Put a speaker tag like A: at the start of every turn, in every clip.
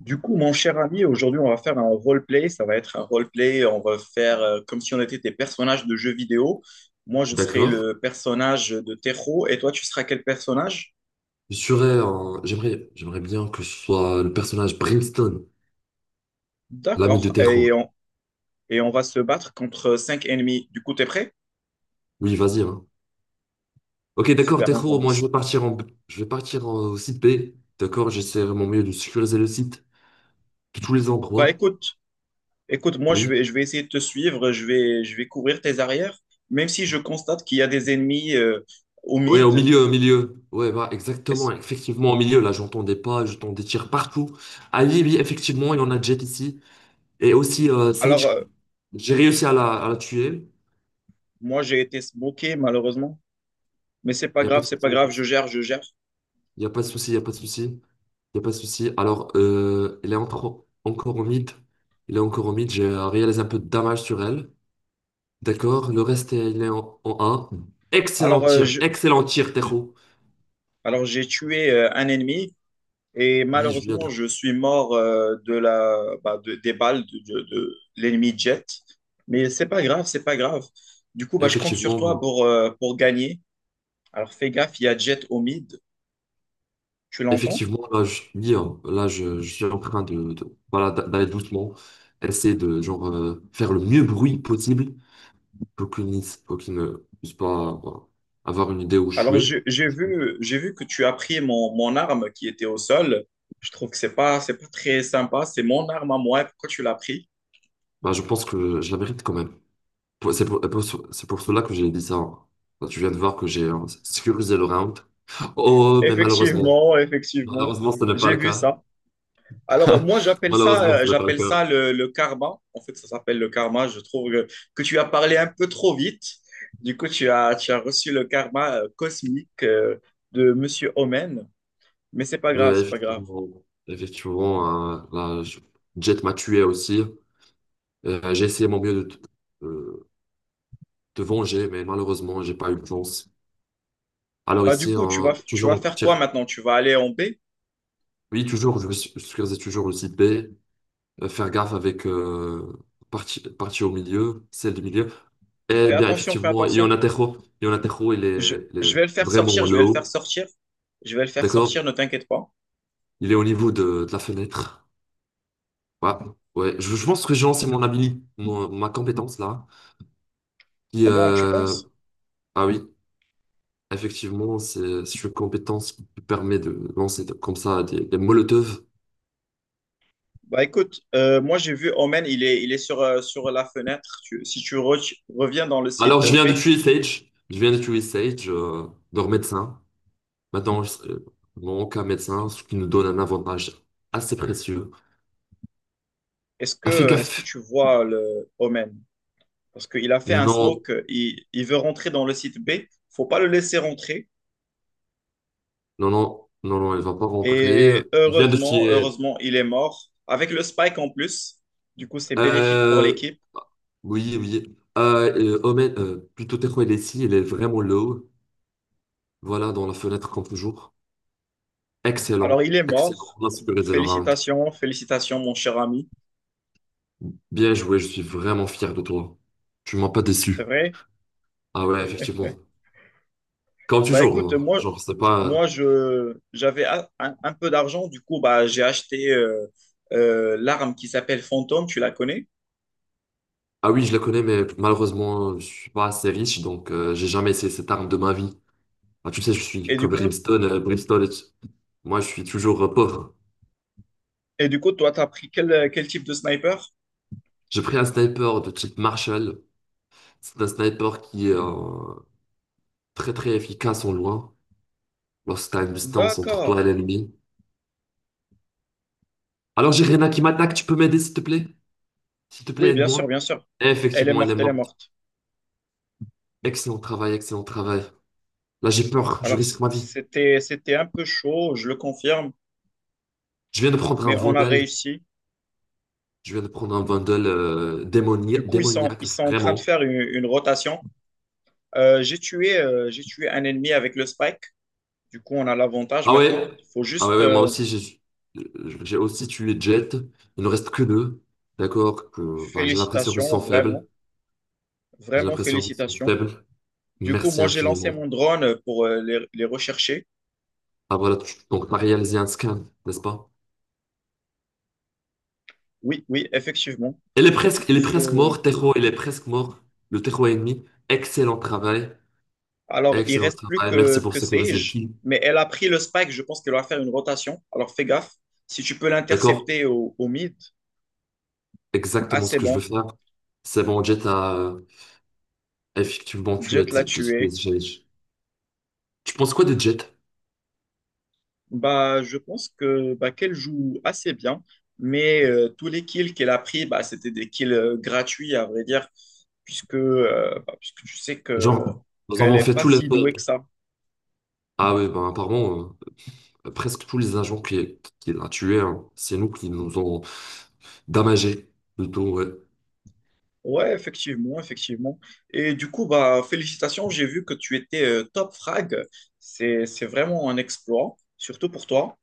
A: Du coup, mon cher ami, aujourd'hui, on va faire un roleplay. Ça va être un roleplay. On va faire comme si on était des personnages de jeux vidéo. Moi, je serai
B: D'accord.
A: le personnage de Tero et toi, tu seras quel personnage?
B: J'aimerais, j'aimerais bien que ce soit le personnage Brimstone, l'ami de
A: D'accord.
B: Tejo.
A: Et on va se battre contre cinq ennemis. Du coup, t'es prêt?
B: Oui, vas-y, hein. Ok, d'accord,
A: Super, on
B: Tejo, moi je
A: commence.
B: vais partir en... Je vais partir au site B. D'accord, j'essaierai mon mieux de sécuriser le site de tous les
A: Bah,
B: endroits.
A: écoute, moi, je
B: Oui.
A: vais, je vais essayer de te suivre. Je vais couvrir tes arrières, même si je constate qu'il y a des ennemis au
B: Oui, au
A: mid.
B: milieu, au milieu. Ouais, bah, exactement,
A: Est-ce-
B: effectivement, au milieu. Là, j'entends des pas, j'entends des tirs partout. Ah oui, oui, effectivement, il y en a Jet ici. Et aussi,
A: Alors,
B: Sage, j'ai réussi à la tuer.
A: moi, j'ai été smoké, malheureusement. Mais c'est pas
B: Il n'y a pas
A: grave,
B: de
A: c'est
B: souci,
A: pas
B: il y a pas
A: grave.
B: de
A: Je
B: souci.
A: gère, je gère.
B: Il n'y a pas de souci, il n'y a pas de souci. Il n'y a pas de souci. Alors, elle est encore au mid. Il est encore au mid. J'ai réalisé un peu de damage sur elle. D'accord. Le reste, il est en 1. Excellent
A: Alors,
B: tir. Excellent tir,
A: je-
B: Tejo.
A: alors j'ai tué un ennemi et
B: Oui, je viens de...
A: malheureusement, je suis mort de la, bah, des balles de, de l'ennemi Jet. Mais c'est pas grave, c'est pas grave. Du coup, bah, je compte sur
B: Effectivement,
A: toi
B: bon,
A: pour gagner. Alors, fais gaffe, il y a Jet au mid. Tu l'entends?
B: effectivement, là, je, oui, hein, là, je suis en train de voilà, d'aller doucement. Essayer de genre, faire le mieux bruit possible pour qu'il ne puisse pas voilà, avoir une idée où je
A: Alors,
B: suis.
A: j'ai vu que tu as pris mon, mon arme qui était au sol. Je trouve que c'est pas très sympa. C'est mon arme à moi. Pourquoi tu l'as pris?
B: Bah, je pense que je la mérite quand même. C'est c'est pour cela que j'ai dit ça. Tu viens de voir que j'ai sécurisé le round. Oh, mais malheureusement,
A: Effectivement, effectivement.
B: malheureusement, ce n'est pas
A: J'ai
B: le
A: vu
B: cas.
A: ça. Alors, moi,
B: Malheureusement, ce n'est pas le
A: j'appelle
B: cas.
A: ça le karma. En fait, ça s'appelle le karma. Je trouve que tu as parlé un peu trop vite. Du coup, tu as reçu le karma cosmique de Monsieur Omen. Mais c'est pas
B: Mais
A: grave, c'est pas grave.
B: effectivement, Jet m'a tué aussi. J'ai essayé mon mieux de te euh, te venger, mais malheureusement, j'ai pas eu de chance. Alors
A: Bah, du
B: ici,
A: coup, tu
B: hein,
A: vas, tu
B: toujours,
A: vas
B: on
A: faire quoi
B: tire.
A: maintenant? Tu vas aller en B?
B: Oui, toujours, je vais sécuriser toujours le site B. Faire gaffe avec partie au milieu, celle du milieu. Eh
A: Fais
B: bien,
A: attention, fais
B: effectivement,
A: attention.
B: Ionatejo, Ionatejo, il
A: Je,
B: est, il est
A: je vais le faire
B: vraiment
A: sortir, je vais le faire
B: low,
A: sortir. Je vais le faire
B: d'accord?
A: sortir, ne t'inquiète pas.
B: Il est au niveau de la fenêtre. Ouais, ouais. Je pense que Jean, c'est mon habilité, ma compétence là. Qui,
A: Ah bon, tu penses?
B: ah oui, effectivement, c'est une compétence qui permet de lancer comme ça des molotovs.
A: Bah écoute, moi j'ai vu Omen, il est sur, sur la fenêtre. Si tu reviens dans le
B: Alors,
A: site
B: je viens de
A: B,
B: tuer Sage. Je viens de tuer Sage, leur médecin. Maintenant, mon cas médecin, ce qui nous donne un avantage assez précieux. Ah, fais
A: est-ce que
B: gaffe.
A: tu vois le Omen? Parce qu'il a fait un
B: Non.
A: smoke, il veut rentrer dans le site B. Faut pas le laisser rentrer.
B: Non, non, non, non, elle va pas rentrer.
A: Et
B: Il vient de
A: heureusement,
B: fier.
A: heureusement, il est mort. Avec le spike en plus. Du coup, c'est bénéfique pour
B: Euh,
A: l'équipe.
B: oui, oui. Omen, plutôt Terro, elle est ici, elle est vraiment low. Voilà, dans la fenêtre, comme toujours.
A: Alors
B: Excellent,
A: il est
B: excellent.
A: mort.
B: On a sécurisé le round.
A: Félicitations, félicitations, mon cher ami.
B: Bien joué, je suis vraiment fier de toi. Tu m'as pas
A: C'est
B: déçu.
A: vrai?
B: Ah ouais, effectivement. Comme
A: Bah
B: toujours,
A: écoute,
B: hein.
A: moi,
B: Genre, c'est pas...
A: un peu d'argent, du coup, bah j'ai acheté l'arme qui s'appelle Fantôme, tu la connais?
B: Ah oui, je la connais, mais malheureusement, je suis pas assez riche, donc j'ai jamais essayé cette arme de ma vie. Ah, tu sais, je suis
A: Et
B: que
A: du coup,
B: Brimstone. Moi, je suis toujours pauvre.
A: et du coup, toi, t'as pris quel, quel type de sniper?
B: J'ai pris un sniper de type Marshall. C'est un sniper qui est très très efficace en loin, lorsque tu as une distance entre toi
A: D'accord.
B: et l'ennemi. Alors j'ai Rena qui m'attaque, tu peux m'aider s'il te plaît? S'il te plaît,
A: Oui, bien sûr,
B: aide-moi.
A: bien sûr.
B: Et
A: Elle est
B: effectivement, elle est
A: morte, elle est
B: morte.
A: morte.
B: Excellent travail, excellent travail. Là j'ai peur, je
A: Alors,
B: risque ma vie.
A: c'était, c'était un peu chaud, je le confirme,
B: Je viens de prendre un
A: mais on a
B: Vandal.
A: réussi.
B: Je viens de prendre un Vandal
A: Du coup,
B: démoniaque,
A: ils sont en train de
B: vraiment.
A: faire une rotation. J'ai tué un ennemi avec le spike. Du coup, on a l'avantage
B: Ah
A: maintenant. Il
B: ouais?
A: Faut
B: Ah ouais,
A: juste
B: ouais, moi aussi j'ai aussi tué Jet. Il ne reste que deux. D'accord? Que, bah, j'ai l'impression qu'ils
A: félicitations,
B: sont
A: vraiment,
B: faibles. J'ai
A: vraiment
B: l'impression qu'ils sont
A: félicitations.
B: faibles.
A: Du coup,
B: Merci
A: moi, j'ai lancé
B: infiniment.
A: mon drone pour les rechercher.
B: Ah voilà, tu- donc t'as réalisé un scan, n'est-ce pas?
A: Oui, oui, effectivement.
B: Il est
A: Du
B: presque,
A: coup,
B: il est presque
A: faut...
B: mort, Tejo, il est presque mort. Le Tejo est ennemi. Excellent travail.
A: Alors, il
B: Excellent
A: reste plus
B: travail.
A: que,
B: Merci pour
A: que
B: sécuriser le
A: Sage,
B: kill.
A: mais elle a pris le spike. Je pense qu'elle va faire une rotation. Alors, fais gaffe. Si tu peux
B: D'accord?
A: l'intercepter au, au mid, ah,
B: Exactement ce
A: c'est
B: que je veux
A: bon.
B: faire. C'est bon, Jet a effectivement tué
A: Jet l'a
B: Just
A: tué.
B: Blaze Challenge. Tu penses quoi des Jets?
A: Bah, je pense que bah, qu'elle joue assez bien, mais tous les kills qu'elle a pris, bah, c'était des kills gratuits, à vrai dire, puisque, bah, puisque tu sais que
B: Genre, nous
A: qu'elle
B: avons
A: n'est
B: fait
A: pas
B: tout
A: si
B: l'effort.
A: douée que ça.
B: Ah oui, ben apparemment, presque tous les agents qui l'a tué, hein, c'est nous qui nous ont damagés. Plutôt, ouais.
A: Ouais, effectivement, effectivement. Et du coup, bah, félicitations, j'ai vu que tu étais top frag. C'est vraiment un exploit, surtout pour toi.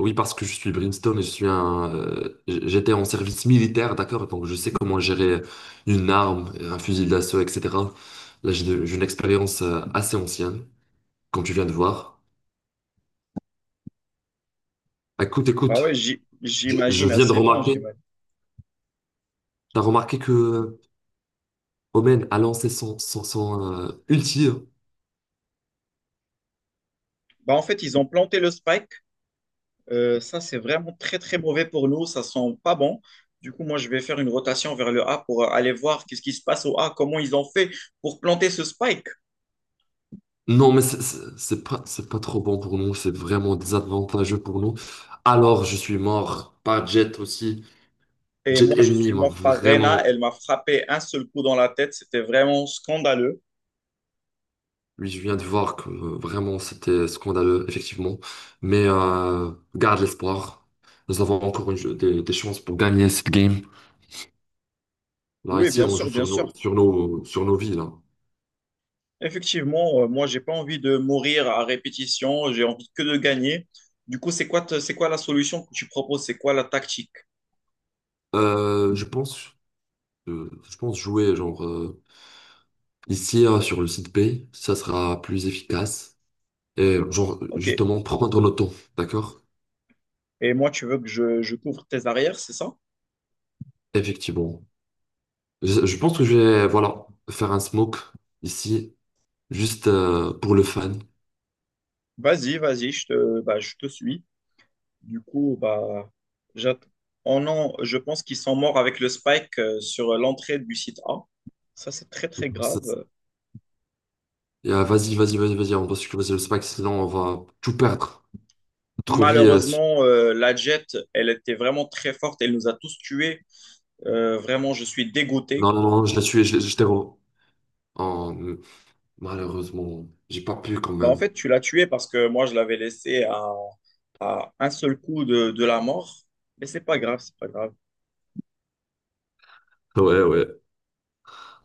B: Oui, parce que je suis Brimstone et je suis un, j'étais en service militaire, d'accord, donc je sais comment gérer une arme, un fusil d'assaut, etc. Là, j'ai une expérience assez ancienne, comme tu viens de voir. Bah, écoute,
A: Bah
B: écoute,
A: ouais,
B: je
A: j'imagine
B: viens de
A: assez bien,
B: remarquer,
A: j'imagine.
B: t'as remarqué que Omen a lancé son ulti, hein.
A: Bah, en fait, ils ont planté le spike. Ça, c'est vraiment très, très mauvais pour nous. Ça sent pas bon. Du coup, moi, je vais faire une rotation vers le A pour aller voir qu'est-ce qui se passe au A, comment ils ont fait pour planter ce spike.
B: Non, mais c'est pas trop bon pour nous, c'est vraiment désavantageux pour nous. Alors, je suis mort pas Jet aussi.
A: Et
B: Jet
A: moi, je
B: ennemi
A: suis
B: m'a
A: mort par Rena.
B: vraiment
A: Elle m'a frappé un seul coup dans la tête. C'était vraiment scandaleux.
B: oui, je viens de voir que vraiment c'était scandaleux, effectivement. Mais garde l'espoir. Nous avons des chances pour gagner cette game. Là,
A: Oui,
B: ici,
A: bien
B: on joue
A: sûr, bien
B: sur nos,
A: sûr.
B: sur nos, sur nos vies, là.
A: Effectivement, moi, j'ai pas envie de mourir à répétition. J'ai envie que de gagner. Du coup, c'est quoi, c'est quoi la solution que tu proposes? C'est quoi la tactique?
B: Euh, je pense, je pense jouer, genre, ici, sur le site B, ça sera plus efficace. Et, genre,
A: OK.
B: justement, prendre notre temps, d'accord?
A: Et moi, tu veux que je couvre tes arrières, c'est ça?
B: Effectivement. Je pense que je vais, voilà, faire un smoke ici, juste pour le fan.
A: Vas-y, vas-y, je te, bah, je te suis. Du coup, bah, j'att- oh non, je pense qu'ils sont morts avec le spike sur l'entrée du site A. Ça, c'est très, très grave.
B: Et, vas-y, vas-y, vas-y, vas-y, on va sur pas que sinon on va tout perdre. Notre vie,
A: Malheureusement, la Jet, elle était vraiment très forte. Elle nous a tous tués. Vraiment, je suis dégoûté.
B: non, non, non, je l'ai tué, je, l'ai- je t'ai re- oh, malheureusement, j'ai pas pu quand
A: Bah, en
B: même.
A: fait, tu l'as tué parce que moi, je l'avais laissé à un seul coup de la mort. Mais c'est pas grave, c'est pas grave.
B: Ouais, ouais.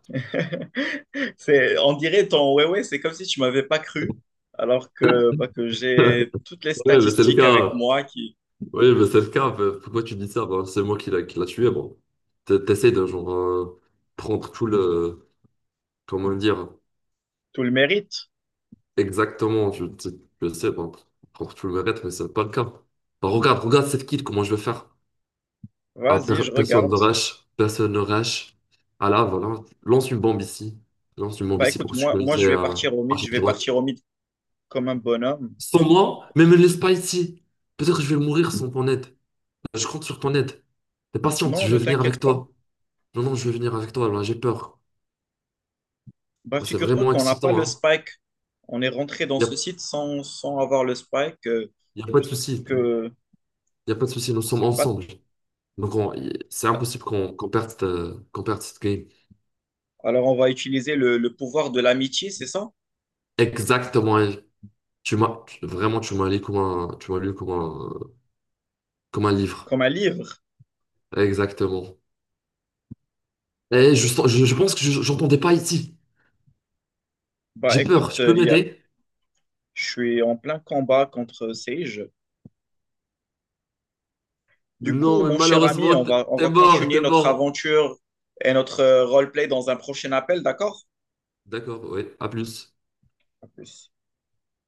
A: C'est, on dirait ton ouais ouais, c'est comme si tu m'avais pas cru, alors que, bah, que j'ai toutes les
B: Ouais, mais c'est le
A: statistiques avec
B: cas.
A: moi qui
B: Oui, mais c'est le cas. Mais pourquoi tu dis ça? Ben, c'est moi qui l'a tué, bon. T'essayes de genre prendre tout le. Comment dire?
A: Tout le mérite.
B: Exactement, je, tu- je sais, bon, prendre tout le mérite, mais c'est pas le cas. Ben, regarde, regarde cette kid, comment je vais faire. Ah,
A: Vas-y, je
B: personne
A: regarde.
B: ne rush, personne ne rush. Ah là, voilà, lance une bombe ici. Lance une bombe
A: Bah
B: ici pour
A: écoute,
B: que je
A: moi,
B: connaisse archi
A: je vais
B: droite.
A: partir au mid comme un bonhomme.
B: Sans moi, mais me laisse pas ici. Peut-être que je vais mourir sans ton aide. Je compte sur ton aide. T'es patiente, je
A: Non, ne
B: vais venir
A: t'inquiète
B: avec
A: pas.
B: toi. Non, non, je vais venir avec toi, là, j'ai peur.
A: Bah
B: Bah, c'est
A: figure-toi
B: vraiment
A: qu'on n'a pas
B: excitant,
A: le
B: hein.
A: spike. On est rentré dans
B: Y a,
A: ce site sans, sans avoir le spike.
B: y a pas de souci.
A: Que
B: Y a pas de souci, nous sommes
A: c'est pas.
B: ensemble. Donc, c'est impossible qu'on perde, qu'on perde cette game.
A: Alors on va utiliser le pouvoir de l'amitié, c'est ça?
B: Exactement, elle. Vraiment, tu m'as lu comme un livre.
A: Comme un livre.
B: Exactement. Et je pense que j'entendais pas ici.
A: Bah
B: J'ai peur.
A: écoute,
B: Tu peux m'aider?
A: je suis en plein combat contre Sage. Du
B: Non,
A: coup,
B: mais
A: mon cher ami,
B: malheureusement,
A: on
B: t'es
A: va
B: mort,
A: continuer
B: t'es
A: notre
B: mort.
A: aventure et notre roleplay dans un prochain appel, d'accord?
B: D'accord, ouais, à plus.
A: À plus.